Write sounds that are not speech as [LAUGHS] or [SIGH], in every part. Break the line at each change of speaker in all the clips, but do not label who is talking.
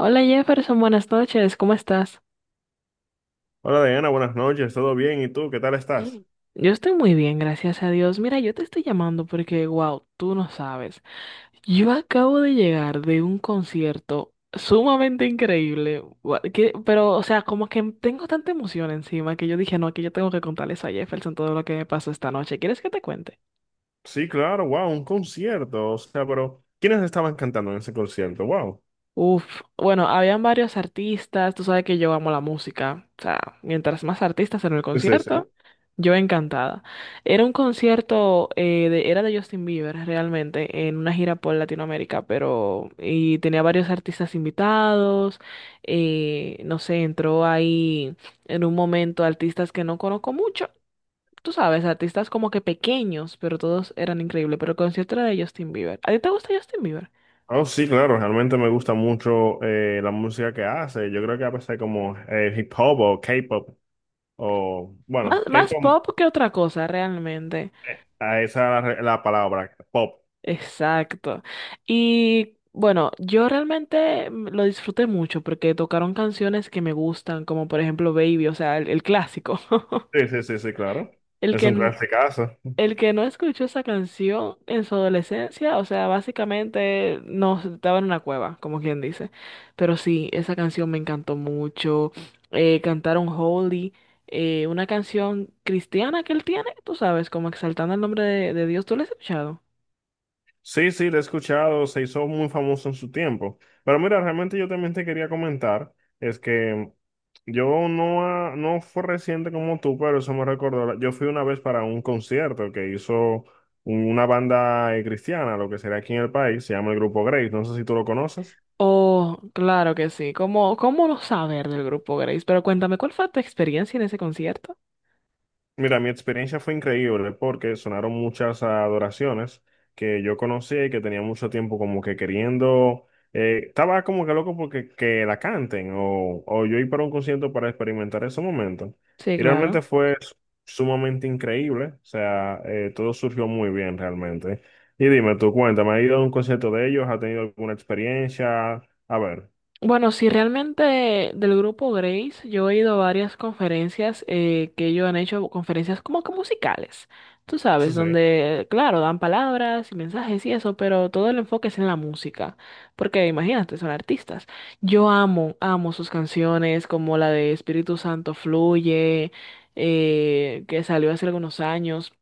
Hola Jefferson, buenas noches, ¿cómo estás?
Hola Diana, buenas noches, ¿todo bien? ¿Y tú qué tal estás?
Mm. Yo estoy muy bien, gracias a Dios. Mira, yo te estoy llamando porque, wow, tú no sabes. Yo acabo de llegar de un concierto sumamente increíble, pero, o sea, como que tengo tanta emoción encima que yo dije, no, que yo tengo que contarles a Jefferson todo lo que me pasó esta noche. ¿Quieres que te cuente?
Sí, claro, wow, un concierto, o sea, pero ¿quiénes estaban cantando en ese concierto? Wow,
Uf, bueno, habían varios artistas, tú sabes que yo amo la música, o sea, mientras más artistas en el
es
concierto,
ese.
yo encantada. Era un concierto, era de Justin Bieber realmente, en una gira por Latinoamérica, pero y tenía varios artistas invitados, no sé, entró ahí en un momento artistas que no conozco mucho, tú sabes, artistas como que pequeños, pero todos eran increíbles, pero el concierto era de Justin Bieber. ¿A ti te gusta Justin Bieber?
Oh, sí, claro, realmente me gusta mucho la música que hace, yo creo que a veces como hip hop o K-pop, o bueno,
Más, más
K-pop,
pop que otra cosa, realmente.
ah, esa es la palabra, pop.
Exacto. Y bueno, yo realmente lo disfruté mucho porque tocaron canciones que me gustan, como por ejemplo Baby, o sea, el clásico. [LAUGHS]
Sí, sí, sí, sí, claro,
El
es
que,
un
n-
clasicazo.
el que no escuchó esa canción en su adolescencia, o sea, básicamente no estaba en una cueva, como quien dice. Pero sí, esa canción me encantó mucho. Cantaron Holy, una canción cristiana que él tiene, tú sabes, como exaltando el nombre de Dios. ¿Tú la has escuchado?
Sí, sí, lo he escuchado, se hizo muy famoso en su tiempo. Pero mira, realmente yo también te quería comentar, es que yo no, no fue reciente como tú, pero eso me recordó, yo fui una vez para un concierto que hizo una banda cristiana, lo que sería aquí en el país, se llama el Grupo Grace, no sé si tú lo conoces.
Oh, claro que sí. ¿Cómo, cómo no saber del grupo Grace? Pero cuéntame, ¿cuál fue tu experiencia en ese concierto?
Mira, mi experiencia fue increíble porque sonaron muchas adoraciones que yo conocía y que tenía mucho tiempo como que queriendo, estaba como que loco porque que la canten o yo ir para un concierto para experimentar ese momento.
Sí,
Y
claro.
realmente sumamente increíble, o sea, todo surgió muy bien realmente. Y dime, tú cuéntame, ¿has ido a un concierto de ellos? ¿Has tenido alguna experiencia? A ver,
Bueno, sí, realmente del grupo Grace, yo he ido a varias conferencias, que ellos han hecho, conferencias como que musicales, tú
sí,
sabes,
sí.
donde, claro, dan palabras y mensajes y eso, pero todo el enfoque es en la música, porque imagínate, son artistas. Yo amo, amo sus canciones, como la de Espíritu Santo Fluye, que salió hace algunos años.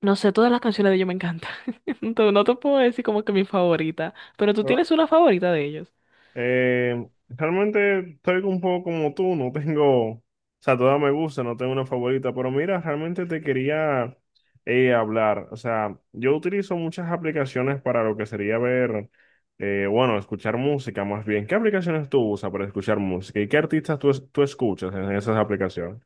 No sé, todas las canciones de ellos me encantan. [LAUGHS] No te puedo decir como que mi favorita, pero tú tienes una favorita de ellos.
Realmente estoy un poco como tú, no tengo, o sea, todas me gustan, no tengo una favorita, pero mira, realmente te quería hablar, o sea, yo utilizo muchas aplicaciones para lo que sería ver, bueno, escuchar música más bien. ¿Qué aplicaciones tú usas para escuchar música y qué artistas tú, tú escuchas en esas aplicaciones?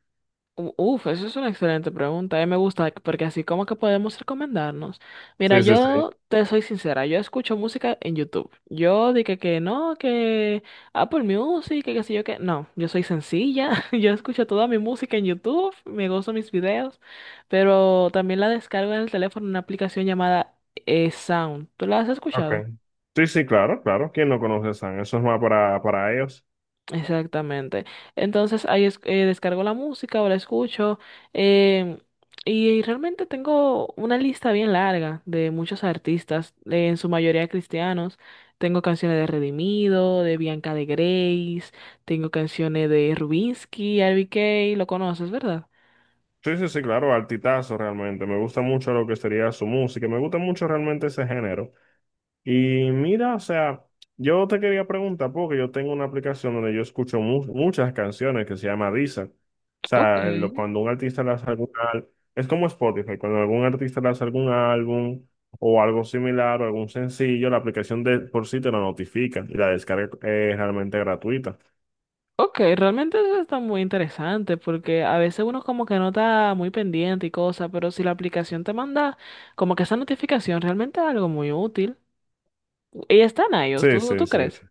Uf, eso es una excelente pregunta. A mí me gusta porque así como que podemos recomendarnos. Mira,
Sí, sí, sí.
yo te soy sincera, yo escucho música en YouTube. Yo dije que no, que Apple Music, que qué sé yo que no, yo soy sencilla. [LAUGHS] Yo escucho toda mi música en YouTube, me gozo mis videos, pero también la descargo en el teléfono en una aplicación llamada, Sound. ¿Tú la has escuchado?
Okay. Sí, sí, claro, claro. ¿Quién no conoce a San? Eso es más para ellos.
Exactamente. Entonces descargo la música o la escucho, em, y realmente tengo una lista bien larga de muchos artistas, en su mayoría cristianos. Tengo canciones de Redimido, de Bianca de Grace, tengo canciones de Rubinsky, RBK, lo conoces, ¿verdad?
Sí, sí, sí, claro, altitazo realmente. Me gusta mucho lo que sería su música. Me gusta mucho realmente ese género. Y mira, o sea, yo te quería preguntar, porque yo tengo una aplicación donde yo escucho muchas canciones que se llama Deezer. O
Ok,
sea, lo- cuando un artista lanza algún álbum, es como Spotify, cuando algún artista lanza algún álbum o algo similar o algún sencillo, la aplicación de por sí te lo notifica y la descarga es realmente gratuita.
ok, realmente eso está muy interesante porque a veces uno como que no está muy pendiente y cosas, pero si la aplicación te manda como que esa notificación realmente es algo muy útil. Y están a ellos,
Sí,
¿tú,
sí,
tú
sí.
crees?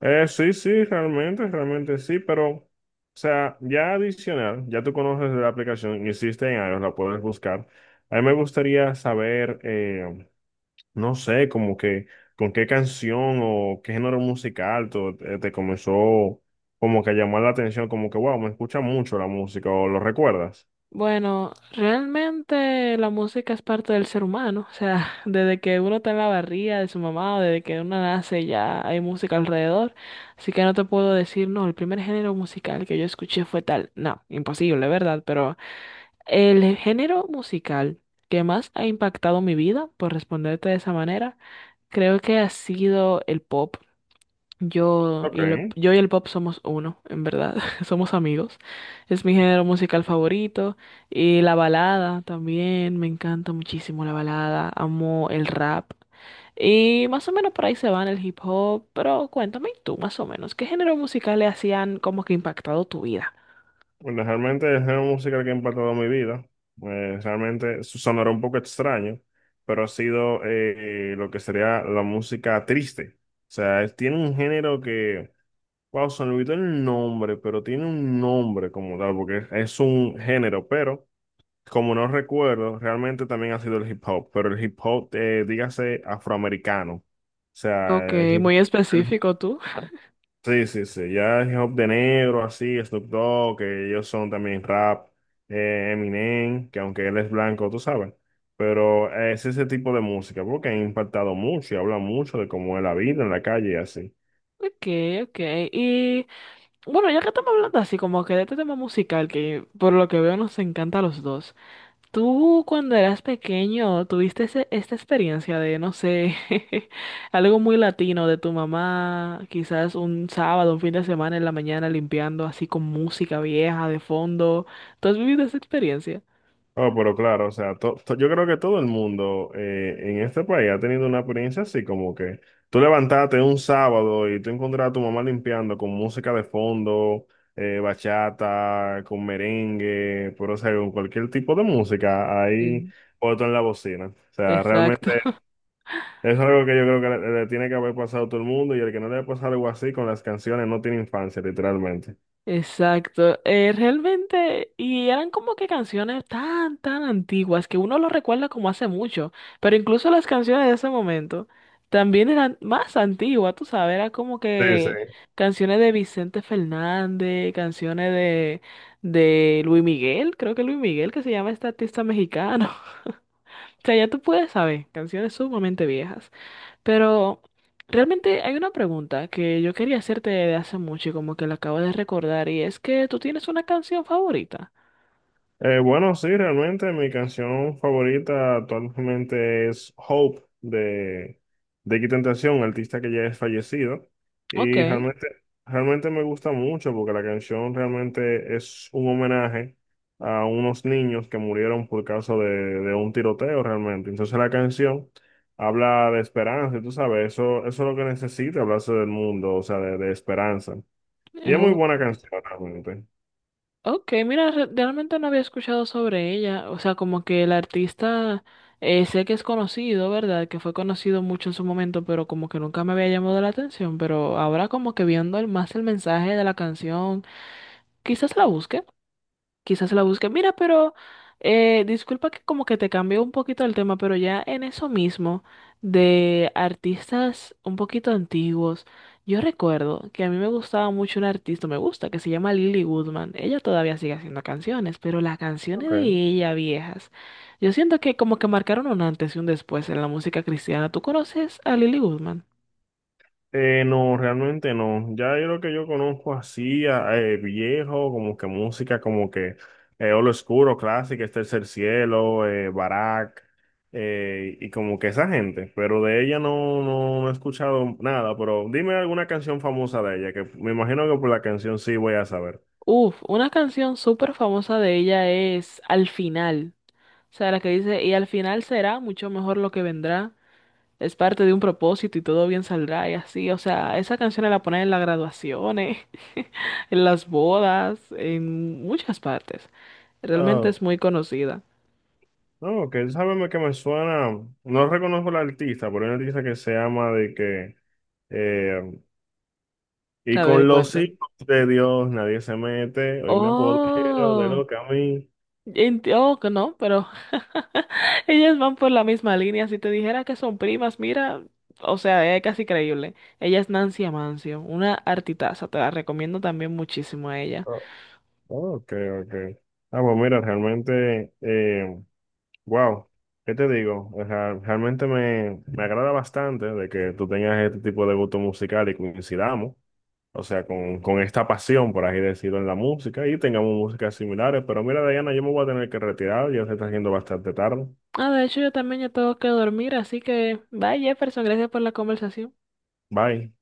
Sí, sí, realmente, realmente sí, pero, o sea, ya adicional, ya tú conoces la aplicación, existe en iOS, la puedes buscar. A mí me gustaría saber, no sé, como que con qué canción o qué género musical te comenzó como que a llamar la atención, como que, wow, me escucha mucho la música o lo recuerdas.
Bueno, realmente la música es parte del ser humano, o sea, [LAUGHS] desde que uno está en la barriga de su mamá o desde que uno nace ya hay música alrededor, así que no te puedo decir, no, el primer género musical que yo escuché fue tal, no, imposible, ¿verdad? Pero el género musical que más ha impactado mi vida, por responderte de esa manera, creo que ha sido el pop.
Ok.
Yo y el pop somos uno, en verdad. [LAUGHS] Somos amigos. Es mi género musical favorito. Y la balada también. Me encanta muchísimo la balada. Amo el rap. Y más o menos por ahí se van el hip hop. Pero cuéntame tú, más o menos, ¿qué género musical le hacían como que impactado tu vida?
Bueno, realmente es una música que ha impactado mi vida. Realmente sonará un poco extraño, pero ha sido lo que sería la música triste. O sea, tiene un género que, wow, se me olvidó el nombre, pero tiene un nombre como tal, porque es un género, pero como no recuerdo, realmente también ha sido el hip hop, pero el hip hop, dígase afroamericano. O
Ok,
sea, el hip
muy
hop.
específico tú.
Sí, sí, sí, ya hip hop de negro, así, Snoop Dogg, que ellos son también rap, Eminem, que aunque él es blanco, tú sabes, pero es ese tipo de música, porque ha impactado mucho y habla mucho de cómo es la vida en la calle y así.
Ok, ok. Y bueno, ya que estamos hablando así como que de este tema musical, que por lo que veo nos encanta a los dos. ¿Tú cuando eras pequeño tuviste esta experiencia de, no sé, [LAUGHS] algo muy latino de tu mamá, quizás un sábado, un fin de semana en la mañana limpiando así con música vieja de fondo? ¿Tú has vivido esa experiencia?
Oh, pero claro, o sea, yo creo que todo el mundo en este país ha tenido una experiencia así, como que tú levantaste un sábado y tú encontraste a tu mamá limpiando con música de fondo, bachata, con merengue, pero o sea, con cualquier tipo de música ahí
Sí,
otro en la bocina. O sea,
exacto,
realmente
[LAUGHS]
es algo que yo creo que le tiene que haber pasado a todo el mundo y el que no le haya pasado algo así con las canciones no tiene infancia, literalmente.
exacto. Realmente, y eran como que canciones tan, tan antiguas que uno lo recuerda como hace mucho, pero incluso las canciones de ese momento también eran más antiguas, tú sabes, era como
Sí, sí.
que canciones de Vicente Fernández, canciones de Luis Miguel, creo que Luis Miguel, que se llama este artista mexicano. [LAUGHS] O sea, ya tú puedes saber, canciones sumamente viejas. Pero realmente hay una pregunta que yo quería hacerte de hace mucho y como que la acabo de recordar y es que tú tienes una canción favorita.
Bueno, sí, realmente mi canción favorita actualmente es Hope de Qué Tentación, artista que ya es fallecido.
Ok,
Y
eh,
realmente, realmente me gusta mucho porque la canción realmente es un homenaje a unos niños que murieron por causa de un tiroteo realmente. Entonces la canción habla de esperanza, y tú sabes, eso es lo que necesita hablarse del mundo, o sea, de esperanza. Y es muy
o-
buena canción realmente.
ok, mira, realmente no había escuchado sobre ella, o sea, como que el artista, sé que es conocido, ¿verdad? Que fue conocido mucho en su momento, pero como que nunca me había llamado la atención, pero ahora como que viendo el, más el mensaje de la canción, quizás la busque. Quizás la busque. Mira, pero, disculpa que como que te cambió un poquito el tema, pero ya en eso mismo de artistas un poquito antiguos, yo recuerdo que a mí me gustaba mucho un artista, me gusta, que se llama Lily Goodman. Ella todavía sigue haciendo canciones, pero las canciones
Ok.
de ella viejas, yo siento que como que marcaron un antes y un después en la música cristiana. ¿Tú conoces a Lily Goodman?
No, realmente no. Ya yo lo que yo conozco así, viejo, como que música como que Olo Oscuro, clásica, es Tercer Cielo, Barak, y como que esa gente. Pero de ella no, no he escuchado nada, pero dime alguna canción famosa de ella, que me imagino que por la canción sí voy a saber.
Uf, una canción súper famosa de ella es Al final. O sea, la que dice, y al final será mucho mejor lo que vendrá. Es parte de un propósito y todo bien saldrá y así. O sea, esa canción la ponen en las graduaciones, [LAUGHS] en las bodas, en muchas partes. Realmente
Oh,
es muy conocida.
no, que sábeme que me suena, no reconozco la artista, pero hay una artista que se llama de que... eh, Y
A ver,
con los
cuéntame.
hijos de Dios nadie se mete. Hoy me apodero de
Oh,
lo que a mí.
oh, que no, pero [LAUGHS] ellas van por la misma línea. Si te dijera que son primas, mira, o sea, es casi creíble. Ella es Nancy Amancio, una artitaza. Te la recomiendo también muchísimo a ella.
Oh, ok, ok. Ah, pues mira, realmente, wow, ¿qué te digo? O sea, realmente me agrada bastante de que tú tengas este tipo de gusto musical y coincidamos, o sea, con esta pasión, por así decirlo, en la música y tengamos músicas similares. Pero mira, Diana, yo me voy a tener que retirar, ya se está haciendo bastante tarde.
Ah, de hecho yo también ya tengo que dormir, así que bye Jefferson, gracias por la conversación.
Bye.